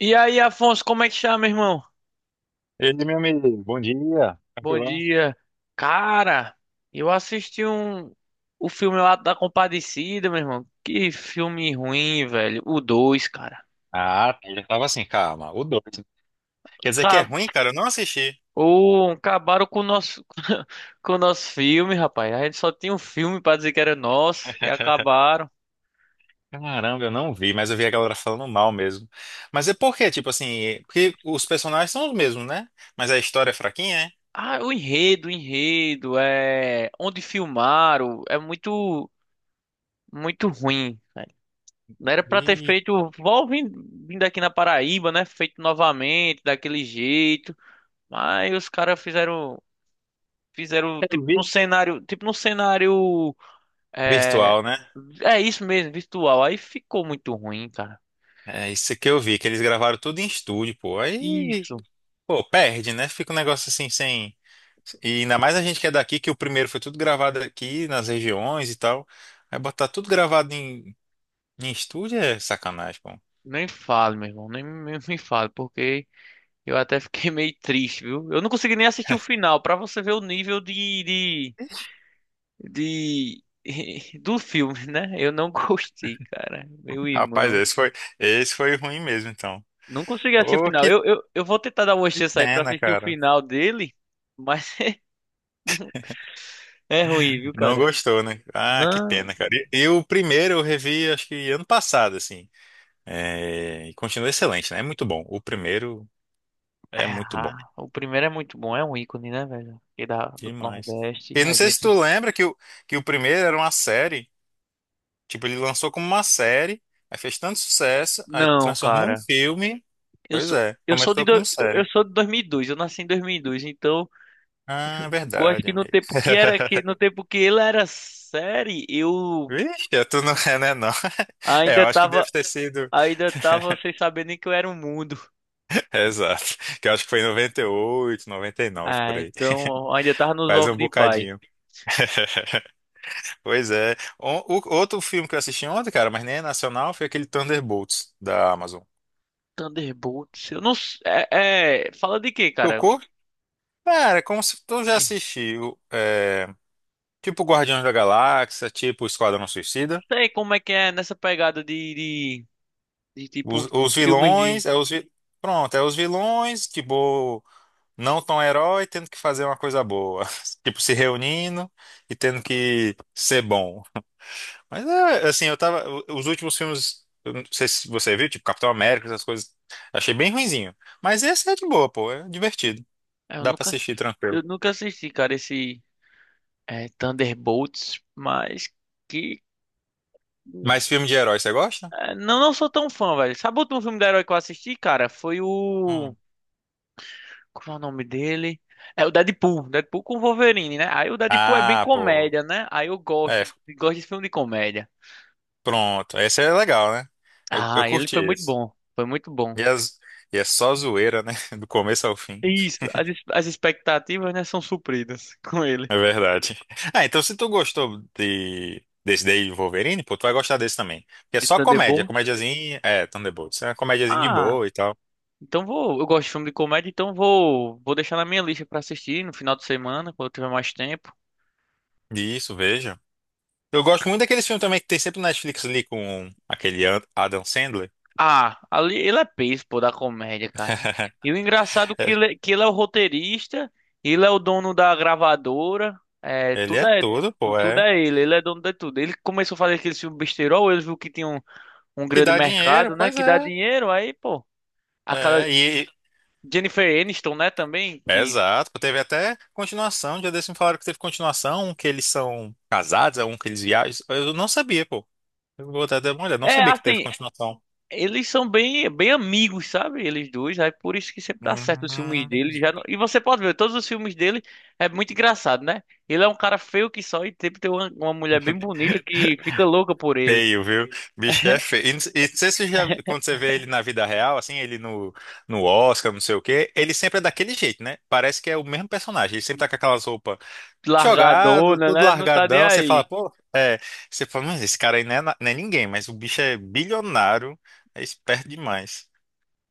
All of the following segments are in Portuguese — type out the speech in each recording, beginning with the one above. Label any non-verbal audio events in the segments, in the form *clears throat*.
E aí, Afonso, como é que chama, meu irmão? Ele, meu amigo, bom dia, Bom tranquilão? dia. Cara, eu assisti um o filme lá da Compadecida, meu irmão. Que filme ruim, velho. O dois, cara. Ah, eu já tava assim, calma, o dois. Quer dizer que é Acabou, ruim, cara? Eu não assisti. acabaram com o nosso *laughs* com o nosso filme, rapaz. A gente só tinha um filme pra dizer que era nosso e *laughs* acabaram. Caramba, eu não vi, mas eu vi a galera falando mal mesmo. Mas é porque tipo assim, porque os personagens são os mesmos, né? Mas a história é fraquinha, é? Ah, o enredo, é onde filmaram, é muito ruim. Não era pra ter Vi. feito. Vindo aqui na Paraíba, né? Feito novamente, daquele jeito. Mas os caras fizeram. Fizeram, Eu tipo, vi. num cenário. Tipo, num cenário. É, Virtual, né? é isso mesmo, virtual. Aí ficou muito ruim, cara. É isso que eu vi, que eles gravaram tudo em estúdio, pô. Aí, Isso. pô, perde, né? Fica um negócio assim, sem. E ainda mais a gente que é daqui, que o primeiro foi tudo gravado aqui nas regiões e tal. Aí botar tudo gravado em em estúdio é sacanagem, pô. Nem fale, meu irmão. Nem me fale, porque eu até fiquei *laughs* meio triste, viu? Eu não consegui nem assistir o final, pra você ver o nível de de- *laughs* do filme, né? Eu não *laughs* gostei, cara. Meu Rapaz, irmão. esse foi ruim mesmo, então. Não consegui assistir o Pô, final. que Eu vou tentar dar uma chance aí pra pena, assistir o cara. final dele, mas *laughs* é ruim, viu, Não cara? gostou, né? Ah, que Não. pena, cara. E o primeiro eu revi, acho que ano passado, assim. É, e continua excelente, né? É muito bom. O primeiro é É, muito bom. ah, o primeiro é muito bom, é um ícone, né, velho? Aqui da, do Demais. Nordeste, E não a sei se gente. tu lembra que o primeiro era uma série. Tipo, ele lançou como uma série, aí fez tanto sucesso, aí Não, transformou em cara. filme. Eu Pois sou, é, começou como eu série. sou de 2002, eu nasci em 2002, então Ah, eu acho verdade, que no amigo. tempo que era que *laughs* no tempo que ele era série, eu Vixe, tu não é, né, não. *laughs* É, eu ainda acho que tava deve ter sido. ainda *laughs* tava sem saber nem que eu era um mundo. Exato. Que eu acho que foi em 98, 99 por Ah, aí. então ainda *laughs* tava nos Faz ovos um de pai. bocadinho. *laughs* Pois é. Outro filme que eu assisti ontem, cara, mas nem é nacional, foi aquele Thunderbolts da Amazon. Thunderbolts. Eu não s- é, é- fala de quê, cara? Não Tocou? Cara, é como se tu já assistiu. É, tipo Guardiões da Galáxia, tipo Esquadrão Suicida. sei como é que é nessa pegada tipo Os filmes de. vilões, pronto, é os vilões, tipo, não tão herói, tendo que fazer uma coisa boa. *laughs* Tipo, se reunindo e tendo que ser bom. Mas é, assim, eu tava. Os últimos filmes, eu não sei se você viu, tipo Capitão América, essas coisas, achei bem ruinzinho. Mas esse é de boa, pô, é divertido. É, Dá pra assistir tranquilo. eu nunca assisti, cara, esse é, Thunderbolts, mas que Mas filme de herói, você gosta? é, não sou tão fã, velho. Sabe o último filme de herói que eu assisti, cara? Foi o. Hum. Como é o nome dele? É o Deadpool. Deadpool com Wolverine, né? Aí o Deadpool é bem Ah, pô. comédia, né? Aí eu É, gosto, gosto de filme de comédia. pronto. Esse é legal, né? Eu Ah, ele curti foi muito esse. bom. Foi muito bom. E, as, e é só zoeira, né? *laughs* Do começo ao fim. Isso, as expectativas, né, são supridas *laughs* com ele. É verdade. Ah, então se tu gostou desse daí de Wolverine, pô, tu vai gostar desse também. Porque é De só comédia, Thunderbolt. comédiazinha, é, Thunderbolts, é uma comédiazinha de Ah, boa e tal. então vou. Eu gosto de filme de comédia, então vou deixar na minha lista pra assistir no final de semana, quando eu tiver mais tempo. Isso, veja. Eu gosto muito daqueles filmes também que tem sempre na Netflix ali com aquele Adam Sandler. Ah, ali ele é peso, pô, da comédia, cara. *laughs* E o engraçado é É, que que ele é o roteirista, ele é o dono da gravadora, é, ele tudo é é tudo, pô, tudo é. é ele, ele é dono de tudo. Ele começou a fazer aquele filme besterol, ele viu que tinha um Que grande dá dinheiro, mercado, né, pois que dá é. dinheiro, aí, pô, É, e... Jennifer Aniston, né, também, é, que exato, pô, teve até continuação, já desse me falaram que teve continuação, um que eles são casados, é um que eles viajam. Eu não sabia, pô. Eu vou até dar uma olhada, não é sabia que teve assim, continuação. eles são bem amigos, sabe? Eles dois, aí por isso que sempre dá certo os Hum, filmes dele, já não- e você pode ver todos os filmes dele, é muito engraçado, né? Ele é um cara feio que só e sempre tem uma mulher bem bonita que fica louca por ele, feio, viu? Bicho é feio. E não sei se você já, quando você vê ele na vida real, assim, ele no, no Oscar, não sei o quê, ele sempre é daquele jeito, né? Parece que é o mesmo personagem. Ele sempre tá com aquelas roupas jogado, largadona, tudo né? Não tá nem largadão. Você fala, aí. pô, é. Você fala, mas esse cara aí não é ninguém, mas o bicho é bilionário, é esperto demais.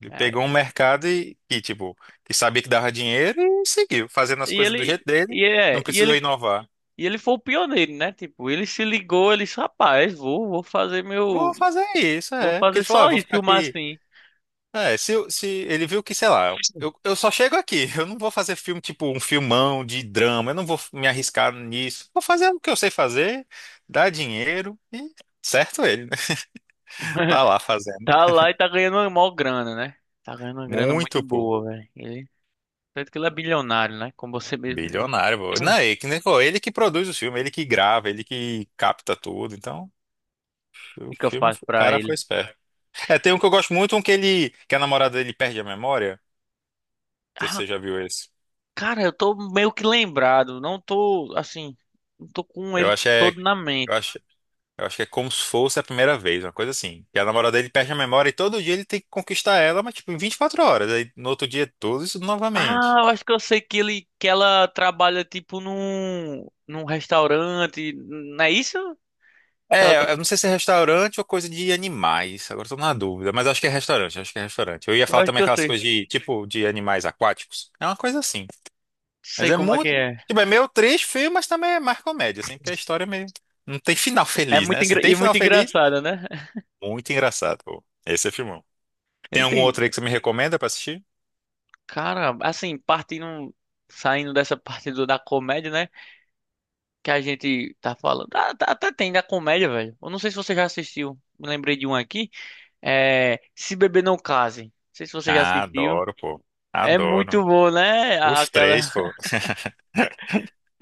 Ele É, pegou um mercado e, tipo, que sabia que dava dinheiro e seguiu, fazendo as E coisas do jeito ele dele, e é, não e precisou ele inovar. e ele foi o pioneiro, né? Tipo, ele se ligou, ele disse, rapaz, vou fazer Vou meu, fazer isso, vou é. Porque ele fazer falou, ah, só vou isso, ficar filmar aqui. assim. É, se ele viu que, sei lá, eu só chego aqui, *laughs* eu não vou fazer filme tipo um filmão de drama, eu não vou me arriscar nisso. Vou fazer o que eu sei fazer, dar dinheiro e certo ele, né? *laughs* Tá lá *laughs* fazendo. Tá lá e tá ganhando uma maior grana, né? Tá ganhando uma grana muito Muito, pô. boa, velho. Ele, tanto que ele é bilionário, né? Como você mesmo disse. Bilionário, pô. Não, *clears throat* ele, que nem- pô, ele que produz o filme, ele que grava, ele que capta tudo. Então, o Fica filme, fácil o pra cara foi ele. esperto. É, tem um que eu gosto muito, um que ele, que a namorada dele perde a memória. Não sei se Ah, você já viu esse. cara, eu tô meio que lembrado. Não tô, assim, não tô com Eu ele acho é, todo na mente. eu acho. Eu acho que é como se fosse a primeira vez, uma coisa assim. E a namorada dele perde a memória e todo dia ele tem que conquistar ela, mas tipo, em 24 horas. Aí no outro dia é tudo isso novamente. Ah, eu acho que eu sei que que ela trabalha, tipo, num restaurante. Não é isso? Que ela É, tra- eu não sei se é restaurante ou coisa de animais. Agora eu tô na dúvida, mas acho que é restaurante. Eu ia Eu falar acho que também eu aquelas sei. coisas de, tipo, de animais aquáticos. É uma coisa assim. Mas Sei é como é que muito, é. tipo, é meio triste, feio, mas também é mais comédia, assim, porque a história é meio... Não tem final É feliz, né? muito, Assim, engra... e tem final muito feliz, engraçada, né? muito engraçado, pô. Esse é filmão. *laughs* Tem Ele algum outro tem. aí que você me recomenda pra assistir? Cara, saindo dessa parte da comédia, né? Que a gente tá falando. Até tem da comédia, velho. Eu não sei se você já assistiu. Me lembrei de um aqui. É. Se Beber Não Case. Não sei se você já Ah, assistiu. adoro, pô. É Adoro. muito bom, né? A- Os três, Aquela. pô. *laughs*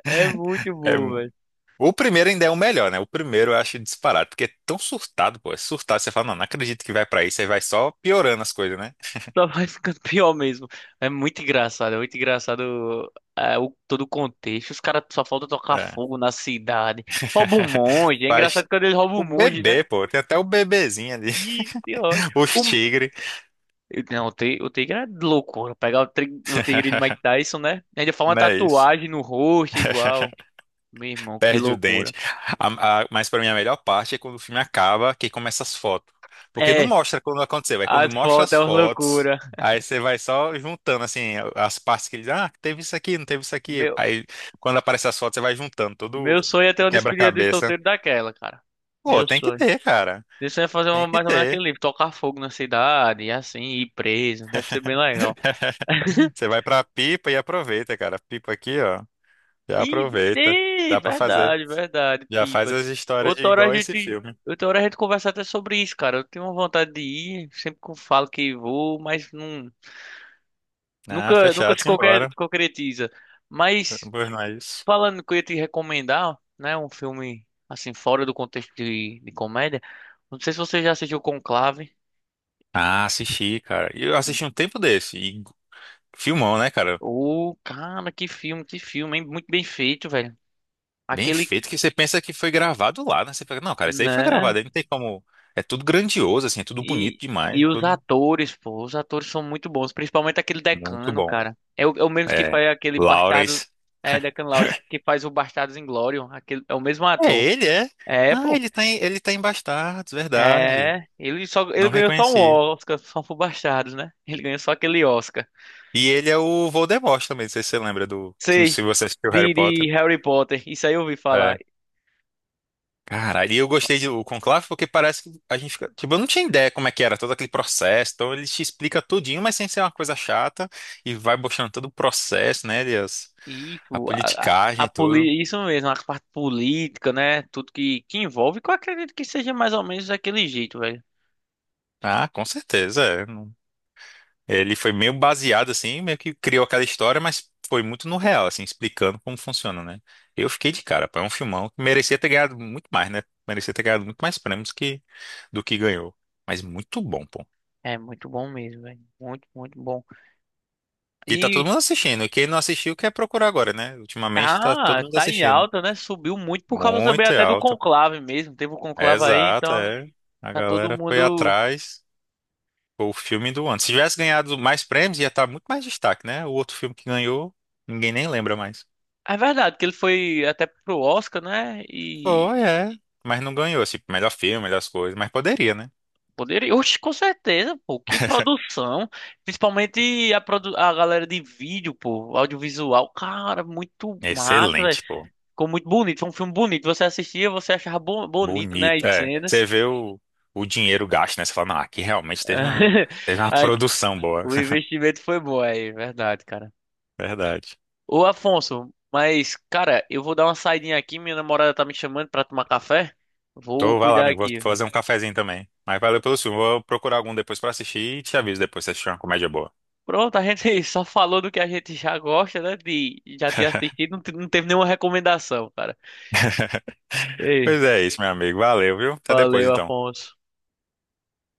É muito É bom, mu- velho. O primeiro ainda é o melhor, né? O primeiro eu acho disparado, porque é tão surtado, pô. É surtado. Você fala, não, não acredito que vai pra isso. Aí vai só piorando as coisas, né? Só vai ficando *laughs* pior mesmo. É muito engraçado, é muito engraçado é, o, todo o contexto. Os caras só faltam tocar É. fogo na cidade. Rouba um *laughs* monge. É Faz engraçado quando eles roubam um o monge, né? bebê, pô. Tem até o bebezinho ali. Ih, de ódio. *laughs* Os tigres. Não, o o Tigre é loucura. Pegar o o Tigre de Mike *laughs* Tyson, né? Ainda faz uma Não é isso? tatuagem no rosto igual. Meu irmão, que Perde o dente. loucura. Mas para mim a melhor parte é quando o filme acaba, que começa as fotos. Porque não É, mostra quando aconteceu, é quando as mostra fotos as é uma fotos, loucura. aí você vai só juntando assim as partes que ele diz, ah, teve isso aqui, não teve isso aqui. Meu, Aí quando aparece as fotos, você vai juntando todo meu sonho é ter o uma despedida de quebra-cabeça. solteiro daquela, cara. Pô, Meu tem que sonho. ter, cara. Meu sonho é fazer Tem uma, que mais ou menos ter. aquele livro, tocar fogo na cidade, e assim, ir preso. Deve ser bem legal. *laughs* *laughs* Você vai pra pipa e aproveita, cara. Pipa aqui, ó, já Ih, aproveita. ih, Dá pra fazer. verdade, verdade, Já faz pipa. as histórias de igual esse filme. Outra hora a gente conversa até sobre isso, cara. Eu tenho uma vontade de ir, sempre que eu falo que vou, mas não, Ah, nunca fechado, se simbora. concretiza. Mas Pois não é isso. falando que eu ia te recomendar, né, um filme assim fora do contexto de comédia. Não sei se você já assistiu Conclave. Ah, assisti, cara. E eu assisti um tempo desse. E filmão, né, cara? Ô, cara, que filme, hein? Muito bem feito, velho. Bem Aquele, feito que você pensa que foi gravado lá, né? Você fica, não, cara, isso aí foi né? gravado, aí não tem como. É tudo grandioso, assim, é tudo bonito E, demais, e é os tudo atores, pô, os atores são muito bons, principalmente aquele muito Decano, bom. cara. É o mesmo que É. faz aquele Bastardo, Lawrence. é, Decano Laures, *laughs* que faz o Bastardos Inglórios, aquele, é o mesmo É ator. ele, é? É, Ah, pô, ele tá em Bastardos, verdade. é, ele só, ele Não ganhou só um reconheci. Oscar, só por Bastardos, né? Ele ganhou só aquele Oscar. E ele é o Voldemort também, não sei se você lembra do. Sei, Se você assistiu Harry Potter. de Harry Potter, isso aí eu ouvi É. falar. Cara, e eu gostei do Conclave porque parece que a gente fica. Tipo, eu não tinha ideia como é que era todo aquele processo. Então ele te explica tudinho, mas sem ser uma coisa chata. E vai mostrando todo o processo, né? A Isso, politicagem e tudo. Isso mesmo, a parte política, né? Tudo que envolve, que eu acredito que seja mais ou menos daquele jeito, velho. Ah, com certeza. É. Não, ele foi meio baseado, assim, meio que criou aquela história, mas foi muito no real, assim, explicando como funciona, né? Eu fiquei de cara, pô. É um filmão que merecia ter ganhado muito mais, né? Merecia ter ganhado muito mais prêmios que... do que ganhou. Mas muito bom, pô. É muito bom mesmo, velho. Muito, muito bom. E tá todo E, mundo assistindo. E quem não assistiu quer procurar agora, né? Ultimamente tá todo ah, mundo tá em assistindo. alta, né? Subiu muito por causa também Muito é até do alta. conclave mesmo. Teve o É conclave aí, exato, então é. A tá todo galera foi mundo. atrás. Foi o filme do ano. Se tivesse ganhado mais prêmios, ia estar muito mais destaque, né? O outro filme que ganhou, ninguém nem lembra mais. É verdade que ele foi até pro Oscar, né? E Foi, é. Mas não ganhou, assim, melhor filme, melhores coisas. Mas poderia, né? poderia. Oxe, com certeza, pô. Que *laughs* produção. Principalmente a, a galera de vídeo, pô. Audiovisual. Cara, muito massa, velho. Excelente, pô. Ficou muito bonito. Foi um filme bonito. Você assistia, você achava bonito, né? Bonito. As É. Você cenas. vê o dinheiro gasto, né? Você fala, não, aqui realmente *laughs* teve uma produção boa. O investimento foi bom aí, verdade, cara. *laughs* Verdade. Ô, Afonso, mas, cara, eu vou dar uma saidinha aqui. Minha namorada tá me chamando pra tomar café. Vou Tô, vai lá, cuidar amigo. Vou aqui. fazer um cafezinho também. Mas valeu pelo filme. Vou procurar algum depois pra assistir e te aviso depois se assistir uma comédia boa. Pronto, a gente *laughs* só falou do que a gente já gosta, né? De já ter assistido, não teve nenhuma recomendação, cara. *laughs* Ei, Pois é isso, meu amigo. Valeu, viu? Até depois, valeu, então. Afonso.